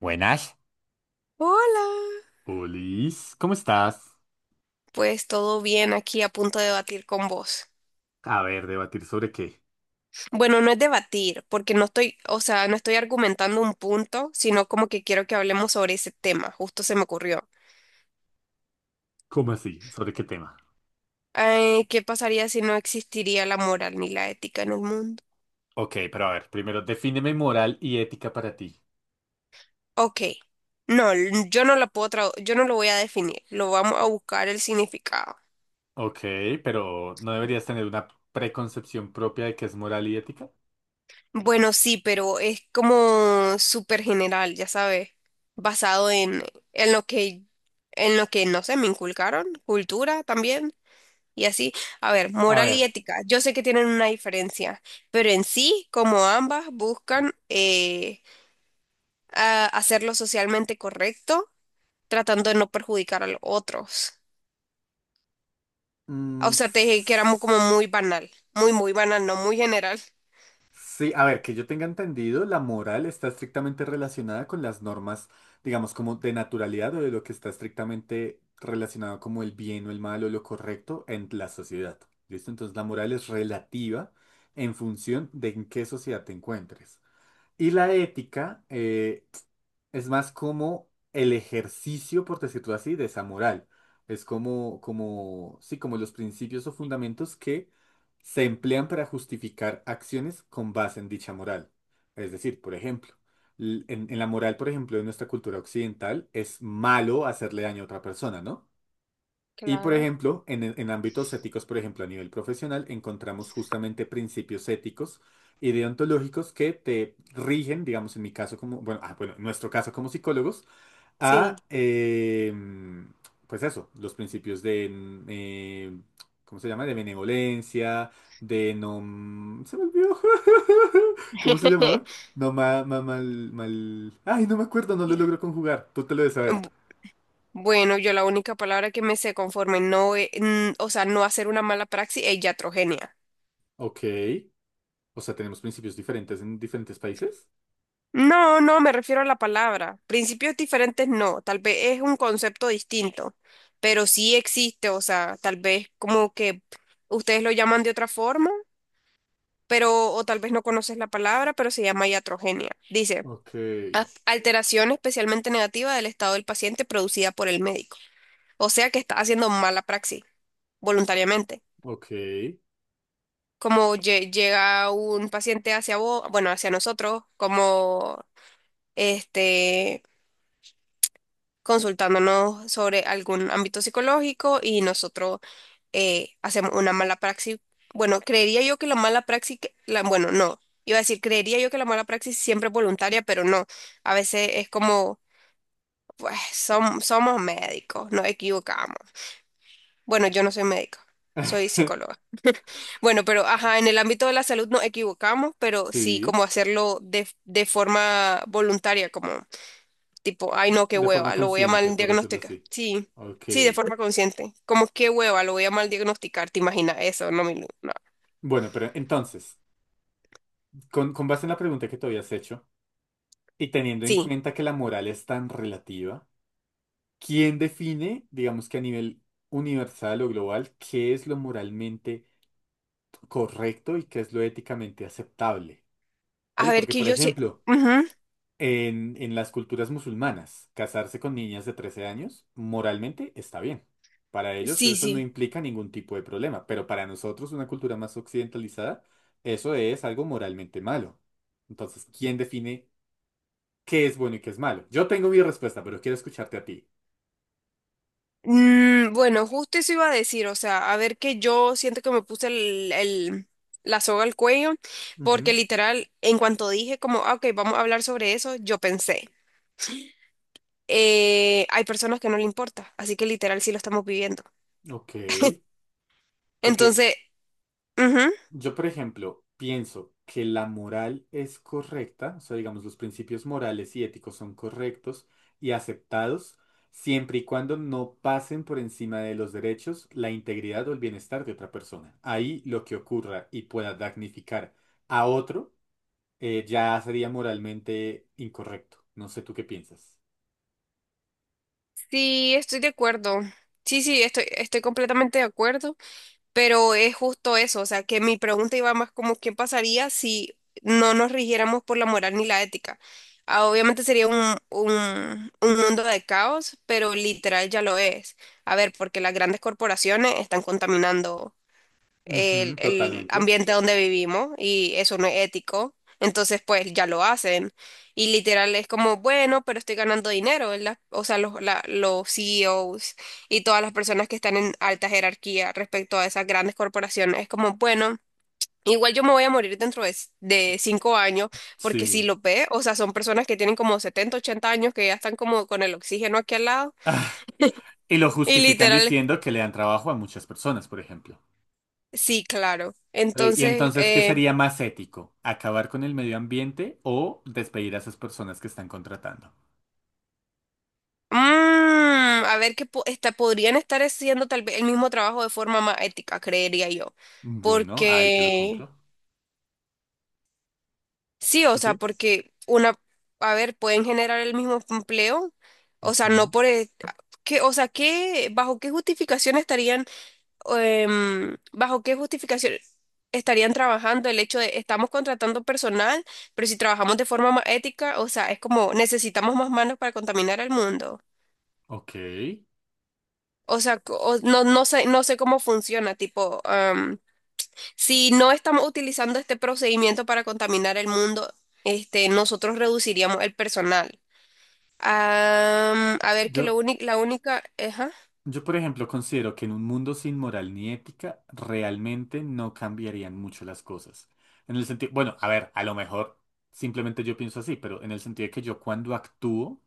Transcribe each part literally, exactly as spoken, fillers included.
Buenas. Hola, Olis, ¿cómo estás? pues todo bien aquí a punto de debatir con vos. A ver, debatir sobre qué. Bueno, no es debatir, porque no estoy, o sea, no estoy argumentando un punto, sino como que quiero que hablemos sobre ese tema, justo se me ocurrió. ¿Cómo así? ¿Sobre qué tema? Ay, ¿qué pasaría si no existiría la moral ni la ética en el mundo? Ok, pero a ver, primero defíneme moral y ética para ti. Ok, no, l- yo no lo puedo tra- yo no lo voy a definir, lo vamos a buscar el significado. Ok, pero ¿no deberías tener una preconcepción propia de qué es moral y ética? Bueno, sí, pero es como súper general, ya sabes, basado en, en lo que, en lo que, no sé, me inculcaron, cultura también, y así. A ver, A moral ver. y ética, yo sé que tienen una diferencia, pero en sí, como ambas buscan eh, a- hacerlo socialmente correcto, tratando de no perjudicar a los otros. O mm, sea, te dije que era mu- como muy banal, muy, muy banal, no muy general. Sí, a ver, que yo tenga entendido, la moral está estrictamente relacionada con las normas, digamos, como de naturalidad o de lo que está estrictamente relacionado como el bien o el mal o lo correcto en la sociedad. ¿Listo? Entonces la moral es relativa en función de en qué sociedad te encuentres. Y la ética eh, es más como el ejercicio, por decirlo así, de esa moral. Es como, como, sí, como los principios o fundamentos que se emplean para justificar acciones con base en dicha moral. Es decir, por ejemplo, l- en, en la moral, por ejemplo, de nuestra cultura occidental, es malo hacerle daño a otra persona, ¿no? Y por Claro, ejemplo, en, en ámbitos éticos, por ejemplo, a nivel profesional, encontramos justamente principios éticos y deontológicos que te rigen, digamos, en mi caso como, bueno, ah, bueno, en nuestro caso como psicólogos, sí. a, eh, pues eso, los principios de, mm, eh, ¿cómo se llama? De benevolencia, de no... mm, se me olvidó. ¿Cómo se llamaba? No, ma, ma- mal, mal... Ay, no me acuerdo, no lo logro conjugar. Tú te lo debes saber. Bueno, yo la única palabra que me sé conforme no, e- n- o sea, no hacer una mala praxis es iatrogenia. Ok. O sea, tenemos principios diferentes en diferentes países. No, no, me refiero a la palabra. Principios diferentes no, tal vez es un concepto distinto, pero sí existe, o sea, tal vez como que ustedes lo llaman de otra forma, pero o tal vez no conoces la palabra, pero se llama iatrogenia. Dice, Ok, "A- alteración especialmente negativa del estado del paciente producida por el médico. O sea que está haciendo mala praxis voluntariamente. ok. Como lle- llega un paciente hacia vos, bueno, hacia nosotros, como este, consultándonos sobre algún ámbito psicológico y nosotros eh, hacemos una mala praxis. Bueno, creería yo que la mala praxis, que- la, bueno, no, iba a decir, creería yo que la mala praxis siempre es voluntaria, pero no, a veces es como, pues, som- somos médicos, nos equivocamos. Bueno, yo no soy médico, soy psicóloga. Bueno, pero ajá, en el ámbito de la salud nos equivocamos, pero sí Sí, como hacerlo de, de forma voluntaria, como tipo, ay no, qué de forma hueva, lo voy a consciente, mal por decirlo diagnosticar. así. Sí, Ok. sí, de forma consciente. Como qué hueva, lo voy a mal diagnosticar, ¿te imaginas eso? No, mi Lu, no. Bueno, pero entonces, con, con base en la pregunta que te habías hecho y teniendo en Sí. cuenta que la moral es tan relativa, ¿quién define, digamos que a nivel universal o global, qué es lo moralmente correcto y qué es lo éticamente aceptable? A ¿Vale? ver Porque, que por yo sí. ejemplo, Ujú, En, en las culturas musulmanas, casarse con niñas de trece años moralmente está bien. Para ellos sí, eso no sí. implica ningún tipo de problema, pero para nosotros, una cultura más occidentalizada, eso es algo moralmente malo. Entonces, ¿quién define qué es bueno y qué es malo? Yo tengo mi respuesta, pero quiero escucharte a ti. Mm, bueno, justo eso iba a decir, o sea, a ver que yo siento que me puse el, el- la soga al cuello, porque Ujú, literal, en cuanto dije como, "Ah, ok, vamos a hablar sobre eso", yo pensé. Eh, hay personas que no le importa, así que literal sí lo estamos viviendo. ok. Porque Entonces, ujú, Yo, por ejemplo, pienso que la moral es correcta, o sea, digamos, los principios morales y éticos son correctos y aceptados siempre y cuando no pasen por encima de los derechos, la integridad o el bienestar de otra persona. Ahí lo que ocurra y pueda damnificar a otro eh, ya sería moralmente incorrecto. No sé tú qué piensas. sí, estoy de acuerdo. Sí, sí, estoy, estoy completamente de acuerdo, pero es justo eso, o sea, que mi pregunta iba más como qué pasaría si no nos rigiéramos por la moral ni la ética. Ah, obviamente sería un, un, un mundo de caos, pero literal ya lo es. A ver, porque las grandes corporaciones están contaminando el, Ujú, el totalmente. ambiente donde vivimos y eso no es ético. Entonces, pues ya lo hacen. Y literal es como, bueno, pero estoy ganando dinero, ¿verdad? O sea, los, la- los C E Os y todas las personas que están en alta jerarquía respecto a esas grandes corporaciones, es como, bueno, igual yo me voy a morir dentro de, s- de cinco años, porque si Sí. lo ve, o sea, son personas que tienen como setenta ochenta años que ya están como con el oxígeno aquí al lado. Y lo Y justifican literal, diciendo que le dan trabajo a muchas personas, por ejemplo. sí, claro. Eh, Y Entonces, entonces, ¿qué eh, sería más ético? ¿Acabar con el medio ambiente o despedir a esas personas que están contratando? Mm, a ver qué po- esta- podrían estar haciendo tal vez el mismo trabajo de forma más ética, creería yo. Bueno, ahí te lo Porque, compro. sí, o Sí, sea, sí. porque una, a ver, pueden generar el mismo empleo, o sea, no Ujú. por, e- que, o sea, ¿qué, bajo qué justificación estarían, em, bajo qué justificación estarían trabajando el hecho de estamos contratando personal, pero si trabajamos de forma más ética, o sea, es como necesitamos más manos para contaminar al mundo. Ok. O sea, co- o- no, no sé, no sé cómo funciona, tipo, am, si no estamos utilizando este procedimiento para contaminar el mundo, este, nosotros reduciríamos el personal. Am, a ver que Yo, lo único, la única, ajá. yo, por ejemplo, considero que en un mundo sin moral ni ética, realmente no cambiarían mucho las cosas. En el sentido, bueno, a ver, a lo mejor simplemente yo pienso así, pero en el sentido de que yo cuando actúo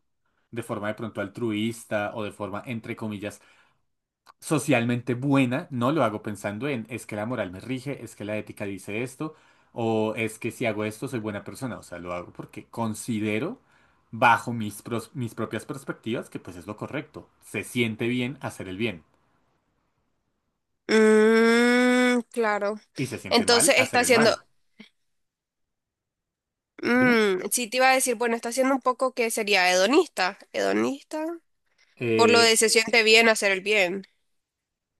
de forma de pronto altruista o de forma, entre comillas, socialmente buena, no lo hago pensando en es que la moral me rige, es que la ética dice esto, o es que si hago esto soy buena persona. O sea, lo hago porque considero, bajo mis, pros- mis propias perspectivas, que pues es lo correcto. Se siente bien hacer el bien Mm, claro. y se siente mal Entonces está hacer el haciendo, mal. Dime. mm, sí te iba a decir, bueno, está haciendo un poco que sería hedonista, hedonista, por lo Eh, de se siente bien hacer el bien.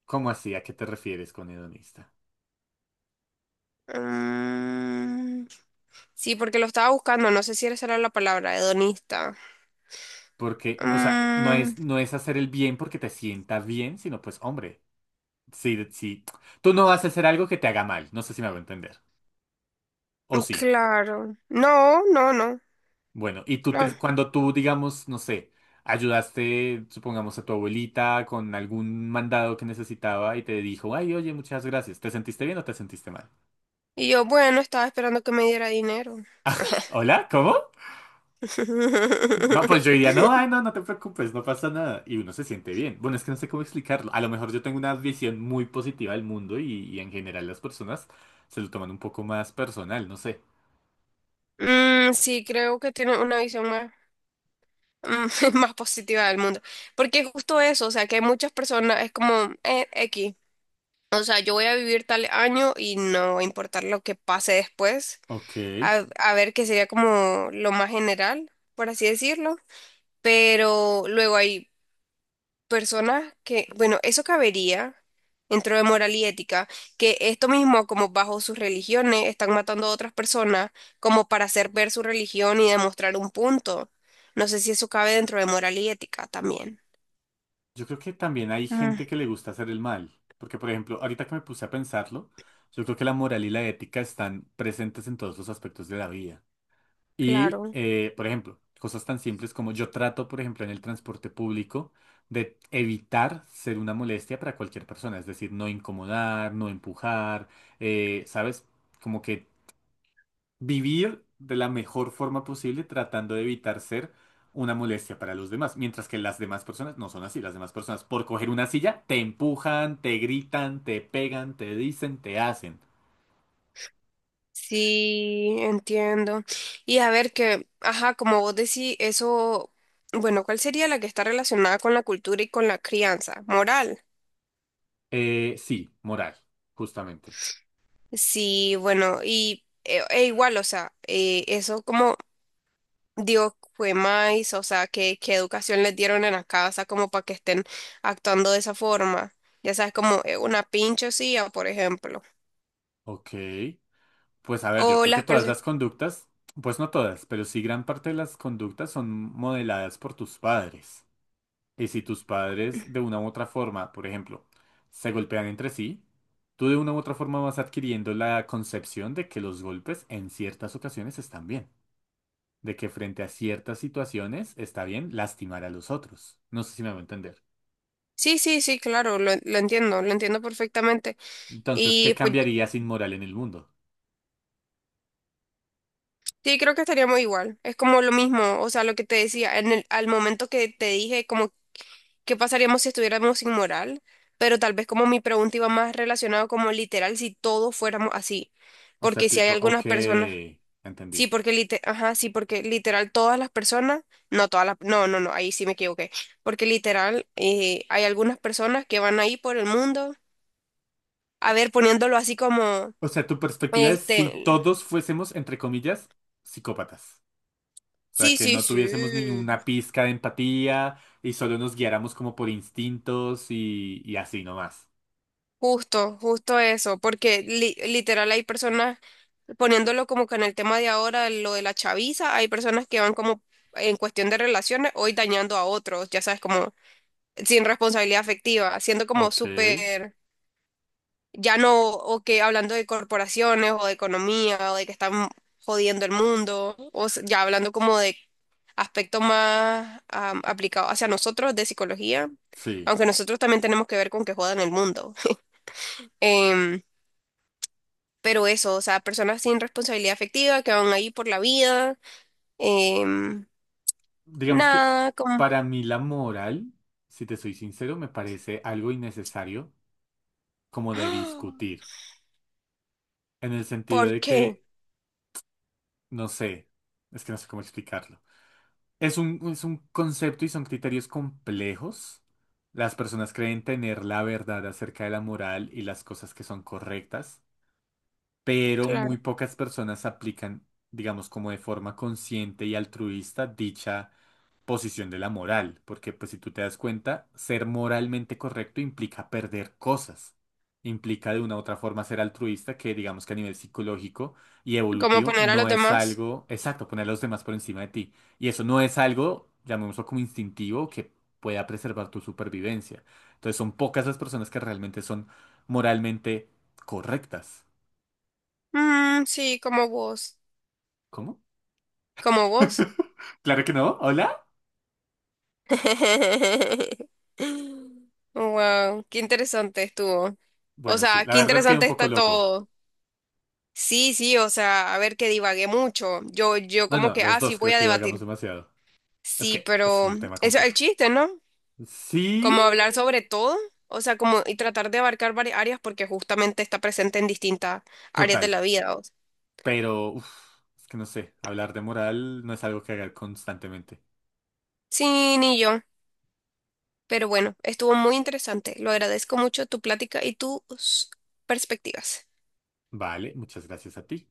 ¿cómo así? ¿A qué te refieres con hedonista? Mm, sí, porque lo estaba buscando, no sé si esa era la palabra, hedonista. Porque, o sea, no Mm, es, no es hacer el bien porque te sienta bien, sino pues, hombre, si, si tú no vas a hacer algo que te haga mal, no sé si me hago entender. O no, sí. claro. No, no, no, Bueno, y tú no. te, cuando tú, digamos, no sé, ayudaste, supongamos, a tu abuelita con algún mandado que necesitaba y te dijo, ay, oye, muchas gracias, ¿te sentiste bien o te sentiste mal? Y yo, bueno, estaba esperando que me diera dinero. ¿Hola? ¿Cómo? No, pues yo diría, no, ay, no, no te preocupes, no pasa nada. Y uno se siente bien. Bueno, es que no sé cómo explicarlo. A lo mejor yo tengo una visión muy positiva del mundo y, y en general las personas se lo toman un poco más personal, no sé. Mm, sí, creo que tiene una visión más, mm, más positiva del mundo. Porque es justo eso, o sea, que hay muchas personas, es como eh, X. O sea, yo voy a vivir tal año y no va a importar lo que pase después. Ok. A, a ver, que sería como lo más general, por así decirlo. Pero luego hay personas que, bueno, eso cabería dentro de moral y ética, que esto mismo, como bajo sus religiones, están matando a otras personas como para hacer ver su religión y demostrar un punto. No sé si eso cabe dentro de moral y ética también. Yo creo que también hay Mm, gente que le gusta hacer el mal, porque por ejemplo, ahorita que me puse a pensarlo, yo creo que la moral y la ética están presentes en todos los aspectos de la vida. Y, claro. Eh, por ejemplo, cosas tan simples como yo trato, por ejemplo, en el transporte público de evitar ser una molestia para cualquier persona, es decir, no incomodar, no empujar, eh, ¿sabes? Como que vivir de la mejor forma posible, tratando de evitar ser una molestia para los demás, mientras que las demás personas no son así. Las demás personas, por coger una silla, te empujan, te gritan, te pegan, te dicen, te hacen. Sí, entiendo. Y a ver que, ajá, como vos decís, eso, bueno, ¿cuál sería la que está relacionada con la cultura y con la crianza? Moral. Eh, sí, moral, justamente. Sí, bueno, y e, e igual, o sea, eh, eso como digo, fue más, o sea, ¿qué, ¿qué educación les dieron en la casa como para que estén actuando de esa forma? Ya sabes, como eh, una pinchosía, por ejemplo. Ok, pues a ver, yo O creo que las todas personas... las conductas, pues no todas, pero sí gran parte de las conductas son modeladas por tus padres. Y si tus padres de una u otra forma, por ejemplo, se golpean entre sí, tú de una u otra forma vas adquiriendo la concepción de que los golpes en ciertas ocasiones están bien, de que frente a ciertas situaciones está bien lastimar a los otros. No sé si me voy a entender. Sí, sí, sí, claro, lo, lo entiendo, lo entiendo perfectamente. Entonces, ¿qué Y pues cambiaría sin moral en el mundo? sí, creo que estaríamos igual. Es como lo mismo, o sea, lo que te decía, en el, al momento que te dije, como, ¿qué pasaríamos si estuviéramos sin moral? Pero tal vez como mi pregunta iba más relacionada como literal, si todos fuéramos así. O sea, Porque si hay tipo, ok, algunas personas... Sí, entendí. porque lite- ajá, sí, porque literal todas las personas, no todas las, no, no, no, ahí sí me equivoqué, porque literal eh, hay algunas personas que van ahí por el mundo, a ver, poniéndolo así como, O sea, tu perspectiva es si este, todos fuésemos, entre comillas, psicópatas. O sea, sí, que sí, no tuviésemos sí, ninguna pizca de empatía y solo nos guiáramos como por instintos y, y así nomás. justo, justo eso, porque li- literal hay personas poniéndolo como que en el tema de ahora, lo de la chaviza, hay personas que van como en cuestión de relaciones, hoy dañando a otros, ya sabes, como sin responsabilidad afectiva, siendo como Ok, súper ya no, o que hablando de corporaciones o de economía o de que están jodiendo el mundo, o s- ya hablando como de aspectos más am, aplicados hacia nosotros de psicología, sí. aunque nosotros también tenemos que ver con que jodan el mundo. Em, pero eso, o sea, personas sin responsabilidad afectiva que van ahí por la vida, em, Digamos que nada, como... para mí la moral, si te soy sincero, me parece algo innecesario como de ¡Ah! discutir. En el sentido ¿Por de qué? que, no sé, es que no sé cómo explicarlo. Es un, es un concepto y son criterios complejos. Las personas creen tener la verdad acerca de la moral y las cosas que son correctas. Pero muy Claro. pocas personas aplican, digamos, como de forma consciente y altruista dicha posición de la moral, porque pues si tú te das cuenta, ser moralmente correcto implica perder cosas, implica de una u otra forma ser altruista, que digamos que a nivel psicológico y ¿Cómo evolutivo poner a los no es demás? algo, exacto, poner a los demás por encima de ti, y eso no es algo, llamémoslo como instintivo, que pueda preservar tu supervivencia. Entonces son pocas las personas que realmente son moralmente correctas. Mm, sí, como vos, ¿Cómo? como vos. Claro que no. ¿Hola? Wow, qué interesante estuvo. O Bueno, sí, sea, la qué verdad que un interesante poco está loco. todo. Sí, sí, o sea, a ver que divagué mucho. Yo, yo No, como no, que, los ah, sí, dos creo voy a que divagamos debatir. demasiado. Es Sí, que es pero un tema eso es el complejo. chiste, ¿no? Sí, Como hablar sobre todo, o sea, como y tratar de abarcar varias áreas porque justamente está presente en distintas áreas de total. la vida. O sea. Pero, uf, es que no sé, hablar de moral no es algo que haga constantemente. Sí, ni yo. Pero bueno, estuvo muy interesante. Lo agradezco mucho tu plática y tus perspectivas. Vale, muchas gracias a ti.